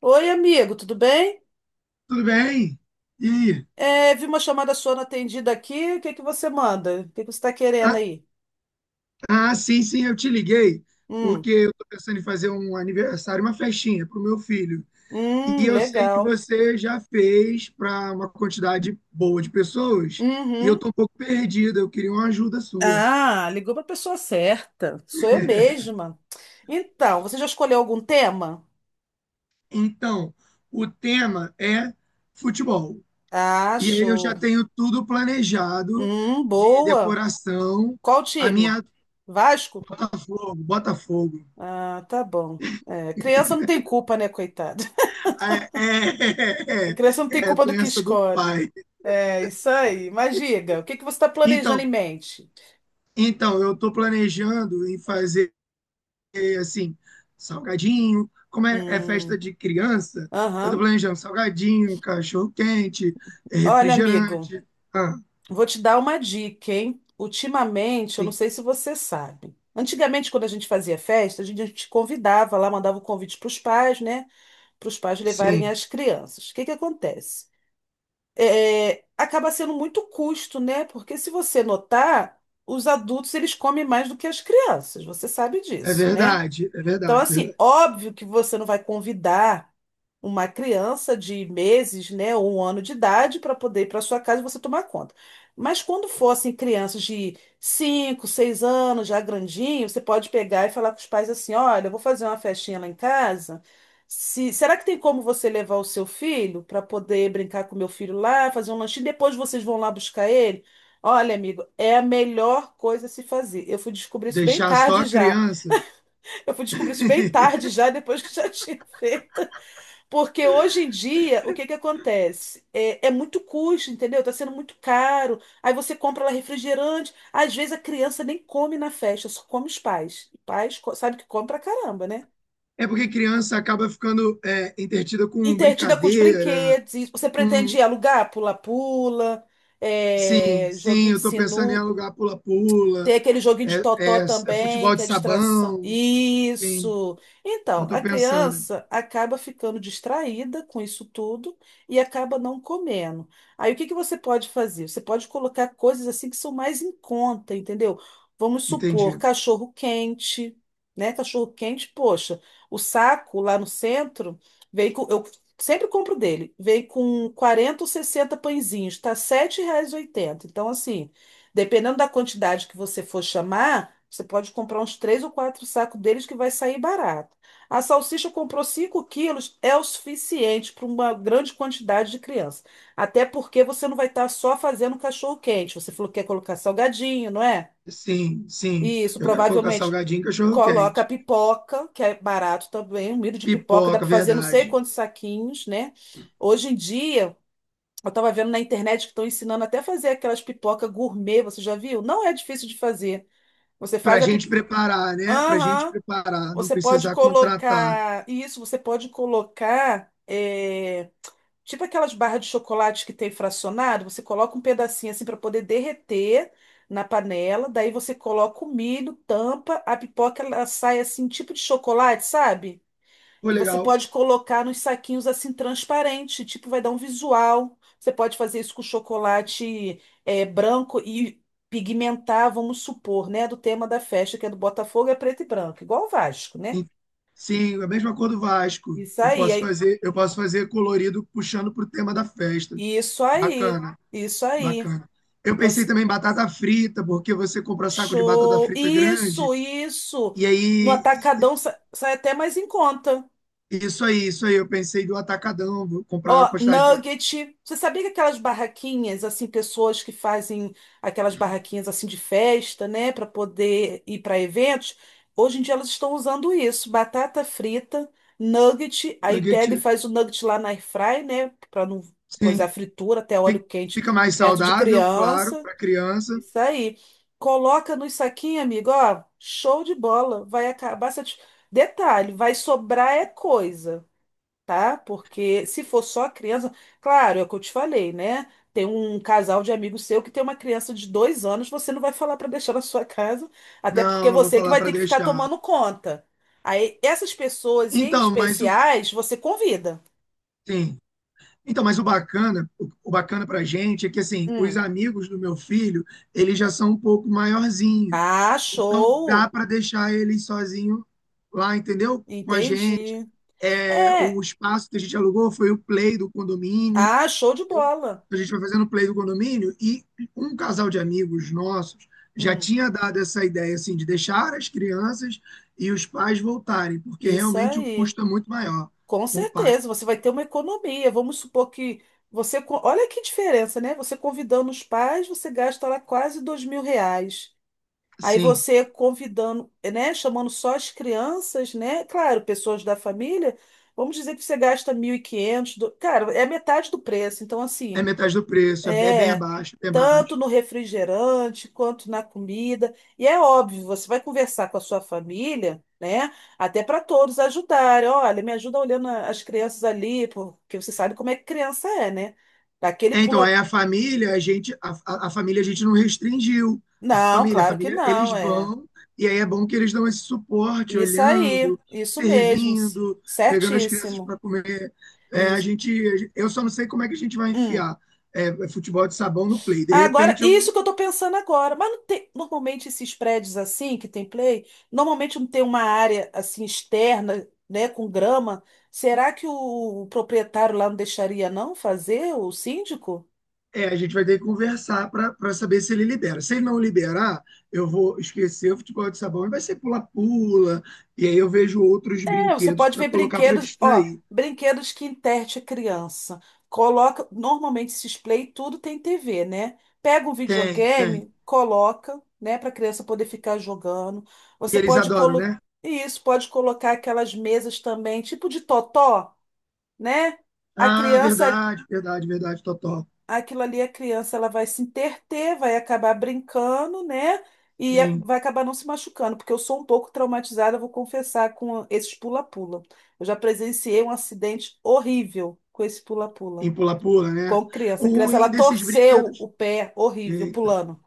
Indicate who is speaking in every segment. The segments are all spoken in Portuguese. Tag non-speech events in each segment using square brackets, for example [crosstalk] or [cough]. Speaker 1: Oi, amigo, tudo bem?
Speaker 2: Tudo bem? E aí?
Speaker 1: É, vi uma chamada sua não atendida aqui. O que que você manda? O que que você está querendo
Speaker 2: Ah,
Speaker 1: aí?
Speaker 2: sim, eu te liguei,
Speaker 1: Hum,
Speaker 2: porque eu tô pensando em fazer um aniversário, uma festinha para o meu filho. E eu sei que
Speaker 1: legal.
Speaker 2: você já fez para uma quantidade boa de pessoas, e eu
Speaker 1: Uhum.
Speaker 2: tô um pouco perdida, eu queria uma ajuda sua.
Speaker 1: Ah, ligou para a pessoa certa. Sou eu mesma. Então, você já escolheu algum tema?
Speaker 2: Então, o tema é futebol.
Speaker 1: Ah,
Speaker 2: E aí eu já
Speaker 1: show.
Speaker 2: tenho tudo planejado de
Speaker 1: Boa.
Speaker 2: decoração,
Speaker 1: Qual
Speaker 2: a
Speaker 1: time?
Speaker 2: minha
Speaker 1: Vasco?
Speaker 2: Botafogo.
Speaker 1: Ah, tá bom. É, criança não tem culpa, né, coitada?
Speaker 2: É, [laughs]
Speaker 1: [laughs] A criança não tem
Speaker 2: é
Speaker 1: culpa do que
Speaker 2: doença do
Speaker 1: escolhe.
Speaker 2: pai.
Speaker 1: É, isso aí. Mas diga, o que que você está planejando em
Speaker 2: Então,
Speaker 1: mente?
Speaker 2: então, eu estou planejando em fazer assim, salgadinho, como é, é festa
Speaker 1: Hum,
Speaker 2: de criança, eu estou
Speaker 1: aham.
Speaker 2: planejando salgadinho, cachorro quente, é
Speaker 1: Olha, amigo,
Speaker 2: refrigerante. Ah,
Speaker 1: vou te dar uma dica, hein? Ultimamente, eu não
Speaker 2: sim,
Speaker 1: sei se você sabe. Antigamente, quando a gente fazia festa, a gente convidava lá, mandava o convite para os pais, né? Para os pais levarem
Speaker 2: sim,
Speaker 1: as crianças. O que que acontece? É, acaba sendo muito custo, né? Porque se você notar, os adultos eles comem mais do que as crianças. Você sabe
Speaker 2: é
Speaker 1: disso, né?
Speaker 2: verdade, é
Speaker 1: Então,
Speaker 2: verdade, é
Speaker 1: assim,
Speaker 2: verdade.
Speaker 1: óbvio que você não vai convidar uma criança de meses, né, ou 1 ano de idade para poder ir para sua casa e você tomar conta. Mas quando fossem crianças de 5, 6 anos, já grandinho, você pode pegar e falar com os pais assim: olha, eu vou fazer uma festinha lá em casa. Se, Será que tem como você levar o seu filho para poder brincar com o meu filho lá, fazer um lanchinho? Depois vocês vão lá buscar ele? Olha, amigo, é a melhor coisa a se fazer. Eu fui descobrir isso bem
Speaker 2: Deixar só
Speaker 1: tarde
Speaker 2: a
Speaker 1: já.
Speaker 2: criança.
Speaker 1: Eu fui descobrir isso bem tarde
Speaker 2: [laughs]
Speaker 1: já, depois que já [laughs] tinha feito. Porque hoje em dia, o que que acontece? É muito custo, entendeu? Tá sendo muito caro. Aí você compra lá refrigerante. Às vezes a criança nem come na festa, só come os pais. E pais sabe que come pra caramba, né?
Speaker 2: É porque criança acaba ficando é, entretida com
Speaker 1: Entretida com os
Speaker 2: brincadeira,
Speaker 1: brinquedos. Você
Speaker 2: com.
Speaker 1: pretende alugar pula-pula,
Speaker 2: Sim,
Speaker 1: é,
Speaker 2: sim,
Speaker 1: joguinho
Speaker 2: eu
Speaker 1: de
Speaker 2: estou pensando em
Speaker 1: sinu,
Speaker 2: alugar
Speaker 1: tem
Speaker 2: pula-pula,
Speaker 1: aquele joguinho de
Speaker 2: é,
Speaker 1: totó
Speaker 2: é
Speaker 1: também,
Speaker 2: futebol
Speaker 1: que
Speaker 2: de
Speaker 1: é distração.
Speaker 2: sabão, sim.
Speaker 1: Isso!
Speaker 2: Eu
Speaker 1: Então,
Speaker 2: estou
Speaker 1: a
Speaker 2: pensando,
Speaker 1: criança acaba ficando distraída com isso tudo e acaba não comendo. Aí, o que que você pode fazer? Você pode colocar coisas assim que são mais em conta, entendeu? Vamos supor,
Speaker 2: entendi.
Speaker 1: cachorro quente, né? Cachorro quente, poxa, o saco lá no centro vem com. Eu sempre compro dele, vem com 40 ou 60 pãezinhos, tá R$ 7,80. Então, assim. Dependendo da quantidade que você for chamar, você pode comprar uns 3 ou 4 sacos deles que vai sair barato. A salsicha comprou 5 quilos, é o suficiente para uma grande quantidade de criança. Até porque você não vai estar só fazendo cachorro-quente. Você falou que quer colocar salgadinho, não é?
Speaker 2: Sim, sim.
Speaker 1: Isso,
Speaker 2: Eu quero colocar
Speaker 1: provavelmente
Speaker 2: salgadinho e cachorro
Speaker 1: coloca
Speaker 2: quente.
Speaker 1: pipoca, que é barato também. Um milho de pipoca dá
Speaker 2: Pipoca,
Speaker 1: para fazer não sei
Speaker 2: verdade.
Speaker 1: quantos saquinhos, né? Hoje em dia, eu tava vendo na internet que estão ensinando até fazer aquelas pipoca gourmet, você já viu? Não é difícil de fazer. Você
Speaker 2: Para a
Speaker 1: faz a
Speaker 2: gente
Speaker 1: pipoca.
Speaker 2: preparar, né? Para a gente
Speaker 1: Aham.
Speaker 2: preparar, não
Speaker 1: Você pode
Speaker 2: precisar contratar.
Speaker 1: colocar. Isso, você pode colocar. Tipo aquelas barras de chocolate que tem fracionado, você coloca um pedacinho assim para poder derreter na panela. Daí você coloca o milho, tampa, a pipoca ela sai assim, tipo de chocolate, sabe?
Speaker 2: Pô,
Speaker 1: E você
Speaker 2: legal.
Speaker 1: pode colocar nos saquinhos assim transparente, tipo, vai dar um visual. Você pode fazer isso com chocolate branco e pigmentar, vamos supor, né? Do tema da festa, que é do Botafogo, é preto e branco, igual o Vasco, né?
Speaker 2: E- Sim, é a mesma cor do Vasco.
Speaker 1: Isso aí, aí-
Speaker 2: Eu posso fazer colorido puxando pro tema da festa.
Speaker 1: isso aí,
Speaker 2: Bacana,
Speaker 1: isso aí.
Speaker 2: bacana. Eu pensei
Speaker 1: Você,
Speaker 2: também em batata frita, porque você compra saco de batata
Speaker 1: Show!
Speaker 2: frita grande.
Speaker 1: Isso, isso!
Speaker 2: E
Speaker 1: No
Speaker 2: aí,
Speaker 1: atacadão sai até mais em conta.
Speaker 2: isso aí, isso aí. Eu pensei do atacadão, vou comprar uma
Speaker 1: Ó,
Speaker 2: quantidade de
Speaker 1: nugget. Você sabia que aquelas barraquinhas, assim, pessoas que fazem aquelas barraquinhas assim de festa, né, para poder ir para eventos, hoje em dia elas estão usando isso, batata frita, nugget, aí
Speaker 2: nuggets.
Speaker 1: pega e faz o nugget lá na air fry, né, para não coisar a
Speaker 2: Sim,
Speaker 1: fritura, até óleo
Speaker 2: fi-
Speaker 1: quente
Speaker 2: fica mais
Speaker 1: perto de
Speaker 2: saudável, claro,
Speaker 1: criança.
Speaker 2: para criança.
Speaker 1: Isso aí. Coloca nos saquinhos, amigo, ó, show de bola. Vai acabar. Detalhe, vai sobrar é coisa, tá? Porque se for só a criança, claro, é o que eu te falei, né? Tem um casal de amigos seu que tem uma criança de 2 anos, você não vai falar para deixar na sua casa, até porque
Speaker 2: Não, não vou
Speaker 1: você que
Speaker 2: falar
Speaker 1: vai
Speaker 2: para
Speaker 1: ter que ficar
Speaker 2: deixar.
Speaker 1: tomando conta. Aí, essas pessoas em
Speaker 2: Então, mas o
Speaker 1: especiais, você convida.
Speaker 2: sim. Então, mas o bacana, o bacana para gente é que assim, os
Speaker 1: Hum.
Speaker 2: amigos do meu filho, eles já são um pouco maiorzinhos.
Speaker 1: Ah,
Speaker 2: Então, dá
Speaker 1: show!
Speaker 2: para deixar ele sozinho lá, entendeu? Com a gente.
Speaker 1: Entendi.
Speaker 2: É, o
Speaker 1: É,
Speaker 2: espaço que a gente alugou foi o play do condomínio.
Speaker 1: ah, show de
Speaker 2: eu-
Speaker 1: bola.
Speaker 2: a gente foi fazendo play do condomínio e um casal de amigos nossos já
Speaker 1: Hum,
Speaker 2: tinha dado essa ideia assim de deixar as crianças e os pais voltarem, porque
Speaker 1: isso
Speaker 2: realmente o
Speaker 1: aí.
Speaker 2: custo é muito maior
Speaker 1: Com
Speaker 2: com o pai.
Speaker 1: certeza, você vai ter uma economia. Vamos supor que Olha que diferença, né? Você convidando os pais, você gasta lá quase R$ 2.000. Aí
Speaker 2: Sim,
Speaker 1: você convidando, né? Chamando só as crianças, né? Claro, pessoas da família. Vamos dizer que você gasta 1.500. Cara, é metade do preço. Então,
Speaker 2: é
Speaker 1: assim.
Speaker 2: metade do preço, é bem
Speaker 1: É,
Speaker 2: abaixo, bem
Speaker 1: tanto
Speaker 2: abaixo.
Speaker 1: no refrigerante quanto na comida. E é óbvio, você vai conversar com a sua família, né? Até para todos ajudarem. Olha, me ajuda olhando as crianças ali, porque você sabe como é que criança é, né? Daquele
Speaker 2: É, então, aí
Speaker 1: pula.
Speaker 2: a família, a gente, a família a gente não restringiu.
Speaker 1: Não,
Speaker 2: A
Speaker 1: claro que
Speaker 2: família, eles
Speaker 1: não, é.
Speaker 2: vão, e aí é bom que eles dão esse suporte,
Speaker 1: Isso aí,
Speaker 2: olhando,
Speaker 1: isso mesmo,
Speaker 2: servindo, pegando as crianças
Speaker 1: certíssimo.
Speaker 2: para comer. É, a
Speaker 1: Isso.
Speaker 2: gente, eu só não sei como é que a gente vai
Speaker 1: Hum.
Speaker 2: enfiar é, futebol de sabão no play. De
Speaker 1: Agora,
Speaker 2: repente,
Speaker 1: isso que eu tô pensando agora, mas não tem, normalmente esses prédios assim que tem play, normalmente não tem uma área assim externa, né, com grama. Será que proprietário lá não deixaria não fazer, o síndico?
Speaker 2: é, a gente vai ter que conversar para saber se ele libera. Se ele não liberar, eu vou esquecer o futebol de sabão e vai ser pula-pula, e aí eu vejo outros
Speaker 1: É, você
Speaker 2: brinquedos
Speaker 1: pode
Speaker 2: para
Speaker 1: ver
Speaker 2: colocar para
Speaker 1: brinquedos, ó,
Speaker 2: distrair.
Speaker 1: brinquedos que enterte a criança. Coloca, normalmente esses play tudo tem TV, né? Pega um
Speaker 2: Tem, tem.
Speaker 1: videogame, coloca, né, para a criança poder ficar jogando.
Speaker 2: E
Speaker 1: Você
Speaker 2: eles
Speaker 1: pode
Speaker 2: adoram,
Speaker 1: colocar,
Speaker 2: né?
Speaker 1: isso, pode colocar aquelas mesas também, tipo de totó, né? A
Speaker 2: Ah,
Speaker 1: criança
Speaker 2: verdade, verdade, verdade, Totó.
Speaker 1: aquilo ali a criança ela vai se interter, vai acabar brincando, né?
Speaker 2: Sim,
Speaker 1: Vai acabar não se machucando, porque eu sou um pouco traumatizada, vou confessar, com esses pula-pula. Eu já presenciei um acidente horrível com esse pula-pula,
Speaker 2: em pula-pula, né?
Speaker 1: com criança.
Speaker 2: O
Speaker 1: A criança ela
Speaker 2: ruim desses
Speaker 1: torceu o
Speaker 2: brinquedos.
Speaker 1: pé horrível
Speaker 2: Eita.
Speaker 1: pulando.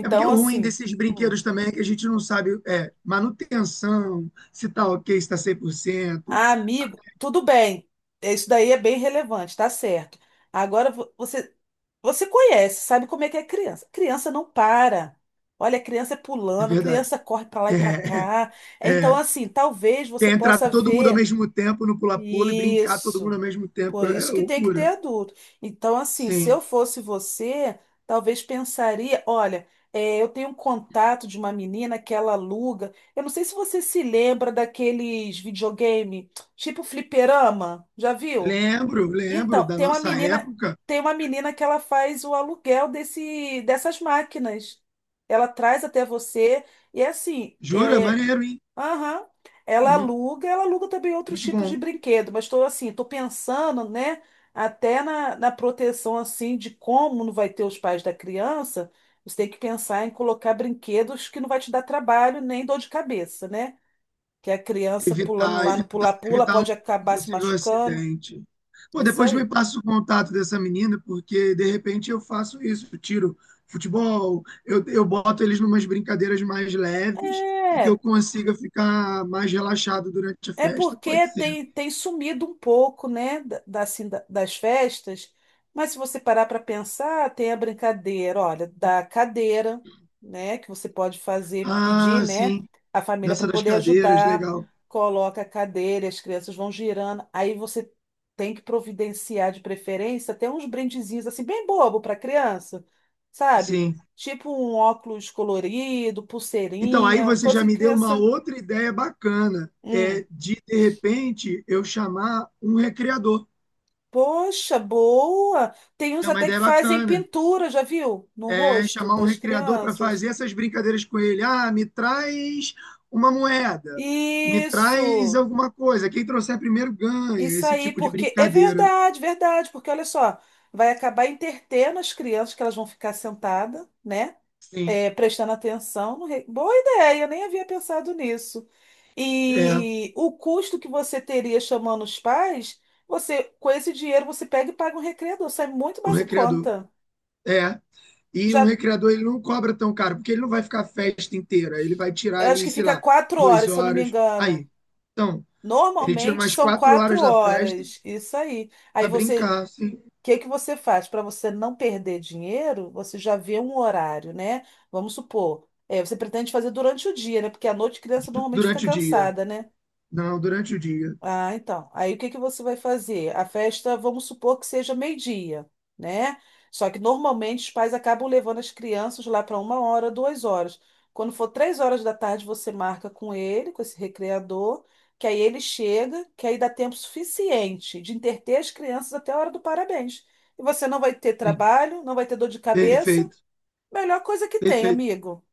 Speaker 2: É porque o ruim
Speaker 1: assim,
Speaker 2: desses
Speaker 1: hum,
Speaker 2: brinquedos também é que a gente não sabe é, manutenção, se tá ok, se tá 100%.
Speaker 1: ah, amigo, tudo bem. Isso daí é bem relevante, tá certo. Agora, você conhece, sabe como é que é criança. Criança não para. Olha, criança é
Speaker 2: É
Speaker 1: pulando,
Speaker 2: verdade.
Speaker 1: criança corre para lá e para
Speaker 2: É,
Speaker 1: cá. É, então,
Speaker 2: é.
Speaker 1: assim, talvez você
Speaker 2: Quer entrar
Speaker 1: possa
Speaker 2: todo mundo ao
Speaker 1: ver
Speaker 2: mesmo tempo no pula-pula e brincar todo mundo ao
Speaker 1: isso.
Speaker 2: mesmo tempo
Speaker 1: Por
Speaker 2: é
Speaker 1: isso que tem que ter
Speaker 2: loucura.
Speaker 1: adulto. Então, assim, se
Speaker 2: Sim.
Speaker 1: eu fosse você, talvez pensaria, olha, é, eu tenho um contato de uma menina que ela aluga. Eu não sei se você se lembra daqueles videogame, tipo fliperama, já viu?
Speaker 2: Lembro, lembro
Speaker 1: Então,
Speaker 2: da
Speaker 1: tem uma
Speaker 2: nossa
Speaker 1: menina,
Speaker 2: época.
Speaker 1: tem uma menina que ela faz o aluguel dessas máquinas. Ela traz até você e é assim,
Speaker 2: Jura?
Speaker 1: é,
Speaker 2: Maneiro, hein?
Speaker 1: aham,
Speaker 2: Muito,
Speaker 1: ela aluga também outros
Speaker 2: muito
Speaker 1: tipos de
Speaker 2: bom.
Speaker 1: brinquedo, mas estou assim, estou pensando, né, até na proteção assim de como não vai ter os pais da criança, você tem que pensar em colocar brinquedos que não vai te dar trabalho nem dor de cabeça, né? Que é a criança pulando
Speaker 2: Evitar,
Speaker 1: lá no
Speaker 2: evitar,
Speaker 1: pula-pula
Speaker 2: evitar
Speaker 1: pode
Speaker 2: um
Speaker 1: acabar se
Speaker 2: possível
Speaker 1: machucando.
Speaker 2: acidente. Pô,
Speaker 1: Isso
Speaker 2: depois me
Speaker 1: aí.
Speaker 2: passa o contato dessa menina, porque de repente eu faço isso, eu tiro futebol, eu boto eles numas brincadeiras mais leves e que
Speaker 1: É,
Speaker 2: eu consiga ficar mais relaxado durante a
Speaker 1: é
Speaker 2: festa, pode
Speaker 1: porque
Speaker 2: ser.
Speaker 1: tem sumido um pouco, né, das festas, mas se você parar para pensar, tem a brincadeira, olha, da cadeira, né, que você pode fazer, pedir,
Speaker 2: Ah,
Speaker 1: né,
Speaker 2: sim,
Speaker 1: a família para
Speaker 2: dança das
Speaker 1: poder
Speaker 2: cadeiras,
Speaker 1: ajudar,
Speaker 2: legal.
Speaker 1: coloca a cadeira, as crianças vão girando, aí você tem que providenciar de preferência até uns brindezinhos assim bem bobo para criança, sabe?
Speaker 2: Sim.
Speaker 1: Tipo um óculos colorido,
Speaker 2: Então, aí
Speaker 1: pulseirinha,
Speaker 2: você já
Speaker 1: coisa que
Speaker 2: me deu uma
Speaker 1: criança,
Speaker 2: outra ideia bacana,
Speaker 1: hum.
Speaker 2: é de repente eu chamar um recreador.
Speaker 1: Poxa, boa! Tem uns
Speaker 2: É uma
Speaker 1: até que
Speaker 2: ideia
Speaker 1: fazem
Speaker 2: bacana.
Speaker 1: pintura, já viu? No
Speaker 2: É,
Speaker 1: rosto
Speaker 2: chamar um
Speaker 1: das
Speaker 2: recreador para
Speaker 1: crianças.
Speaker 2: fazer essas brincadeiras com ele. Ah, me traz uma moeda, me traz
Speaker 1: Isso!
Speaker 2: alguma coisa. Quem trouxer primeiro ganha,
Speaker 1: Isso
Speaker 2: esse
Speaker 1: aí,
Speaker 2: tipo de
Speaker 1: porque é
Speaker 2: brincadeira.
Speaker 1: verdade, verdade, porque olha só, vai acabar entretendo as crianças que elas vão ficar sentadas, né?
Speaker 2: Sim,
Speaker 1: É, prestando atenção. No re- Boa ideia, eu nem havia pensado nisso.
Speaker 2: é,
Speaker 1: E o custo que você teria chamando os pais, você, com esse dinheiro, você pega e paga um recreador, sai muito
Speaker 2: o
Speaker 1: mais em
Speaker 2: recreador.
Speaker 1: conta.
Speaker 2: É. E um
Speaker 1: Já
Speaker 2: recreador ele não cobra tão caro, porque ele não vai ficar a festa inteira. Ele vai tirar
Speaker 1: Eu acho
Speaker 2: ali,
Speaker 1: que
Speaker 2: sei
Speaker 1: fica
Speaker 2: lá,
Speaker 1: quatro
Speaker 2: duas
Speaker 1: horas, se eu não me
Speaker 2: horas.
Speaker 1: engano.
Speaker 2: Aí. Então, ele tira
Speaker 1: Normalmente
Speaker 2: umas
Speaker 1: são
Speaker 2: quatro
Speaker 1: quatro
Speaker 2: horas da festa
Speaker 1: horas. Isso aí. Aí
Speaker 2: para
Speaker 1: você,
Speaker 2: brincar, assim,
Speaker 1: o que que você faz? Para você não perder dinheiro, você já vê um horário, né? Vamos supor, é, você pretende fazer durante o dia, né? Porque à noite a criança normalmente fica
Speaker 2: durante o dia.
Speaker 1: cansada, né?
Speaker 2: Não, durante o dia.
Speaker 1: Ah, então. Aí o que que você vai fazer? A festa, vamos supor que seja meio-dia, né? Só que normalmente os pais acabam levando as crianças lá para 1 hora, 2 horas. Quando for 3 horas da tarde, você marca com ele, com esse recreador, que aí ele chega, que aí dá tempo suficiente de entreter as crianças até a hora do parabéns. E você não vai ter
Speaker 2: Sim.
Speaker 1: trabalho, não vai ter dor de cabeça.
Speaker 2: Perfeito,
Speaker 1: Melhor coisa que tem,
Speaker 2: perfeito.
Speaker 1: amigo.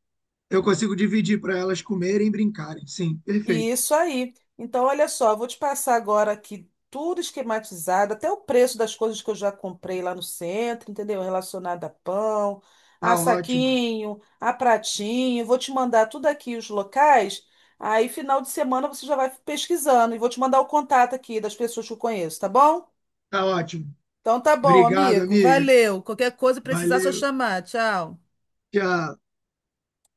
Speaker 2: Eu consigo dividir para elas comerem e brincarem. Sim, perfeito.
Speaker 1: Isso aí. Então, olha só, eu vou te passar agora aqui tudo esquematizado, até o preço das coisas que eu já comprei lá no centro, entendeu? Relacionado a pão, a
Speaker 2: Tá ótimo.
Speaker 1: saquinho, a pratinho. Vou te mandar tudo aqui os locais. Aí, final de semana, você já vai pesquisando. E vou te mandar o contato aqui das pessoas que eu conheço, tá bom?
Speaker 2: Tá ótimo.
Speaker 1: Então, tá bom,
Speaker 2: Obrigado,
Speaker 1: amigo.
Speaker 2: amiga.
Speaker 1: Valeu. Qualquer coisa, precisar, é só
Speaker 2: Valeu.
Speaker 1: chamar. Tchau.
Speaker 2: Tchau.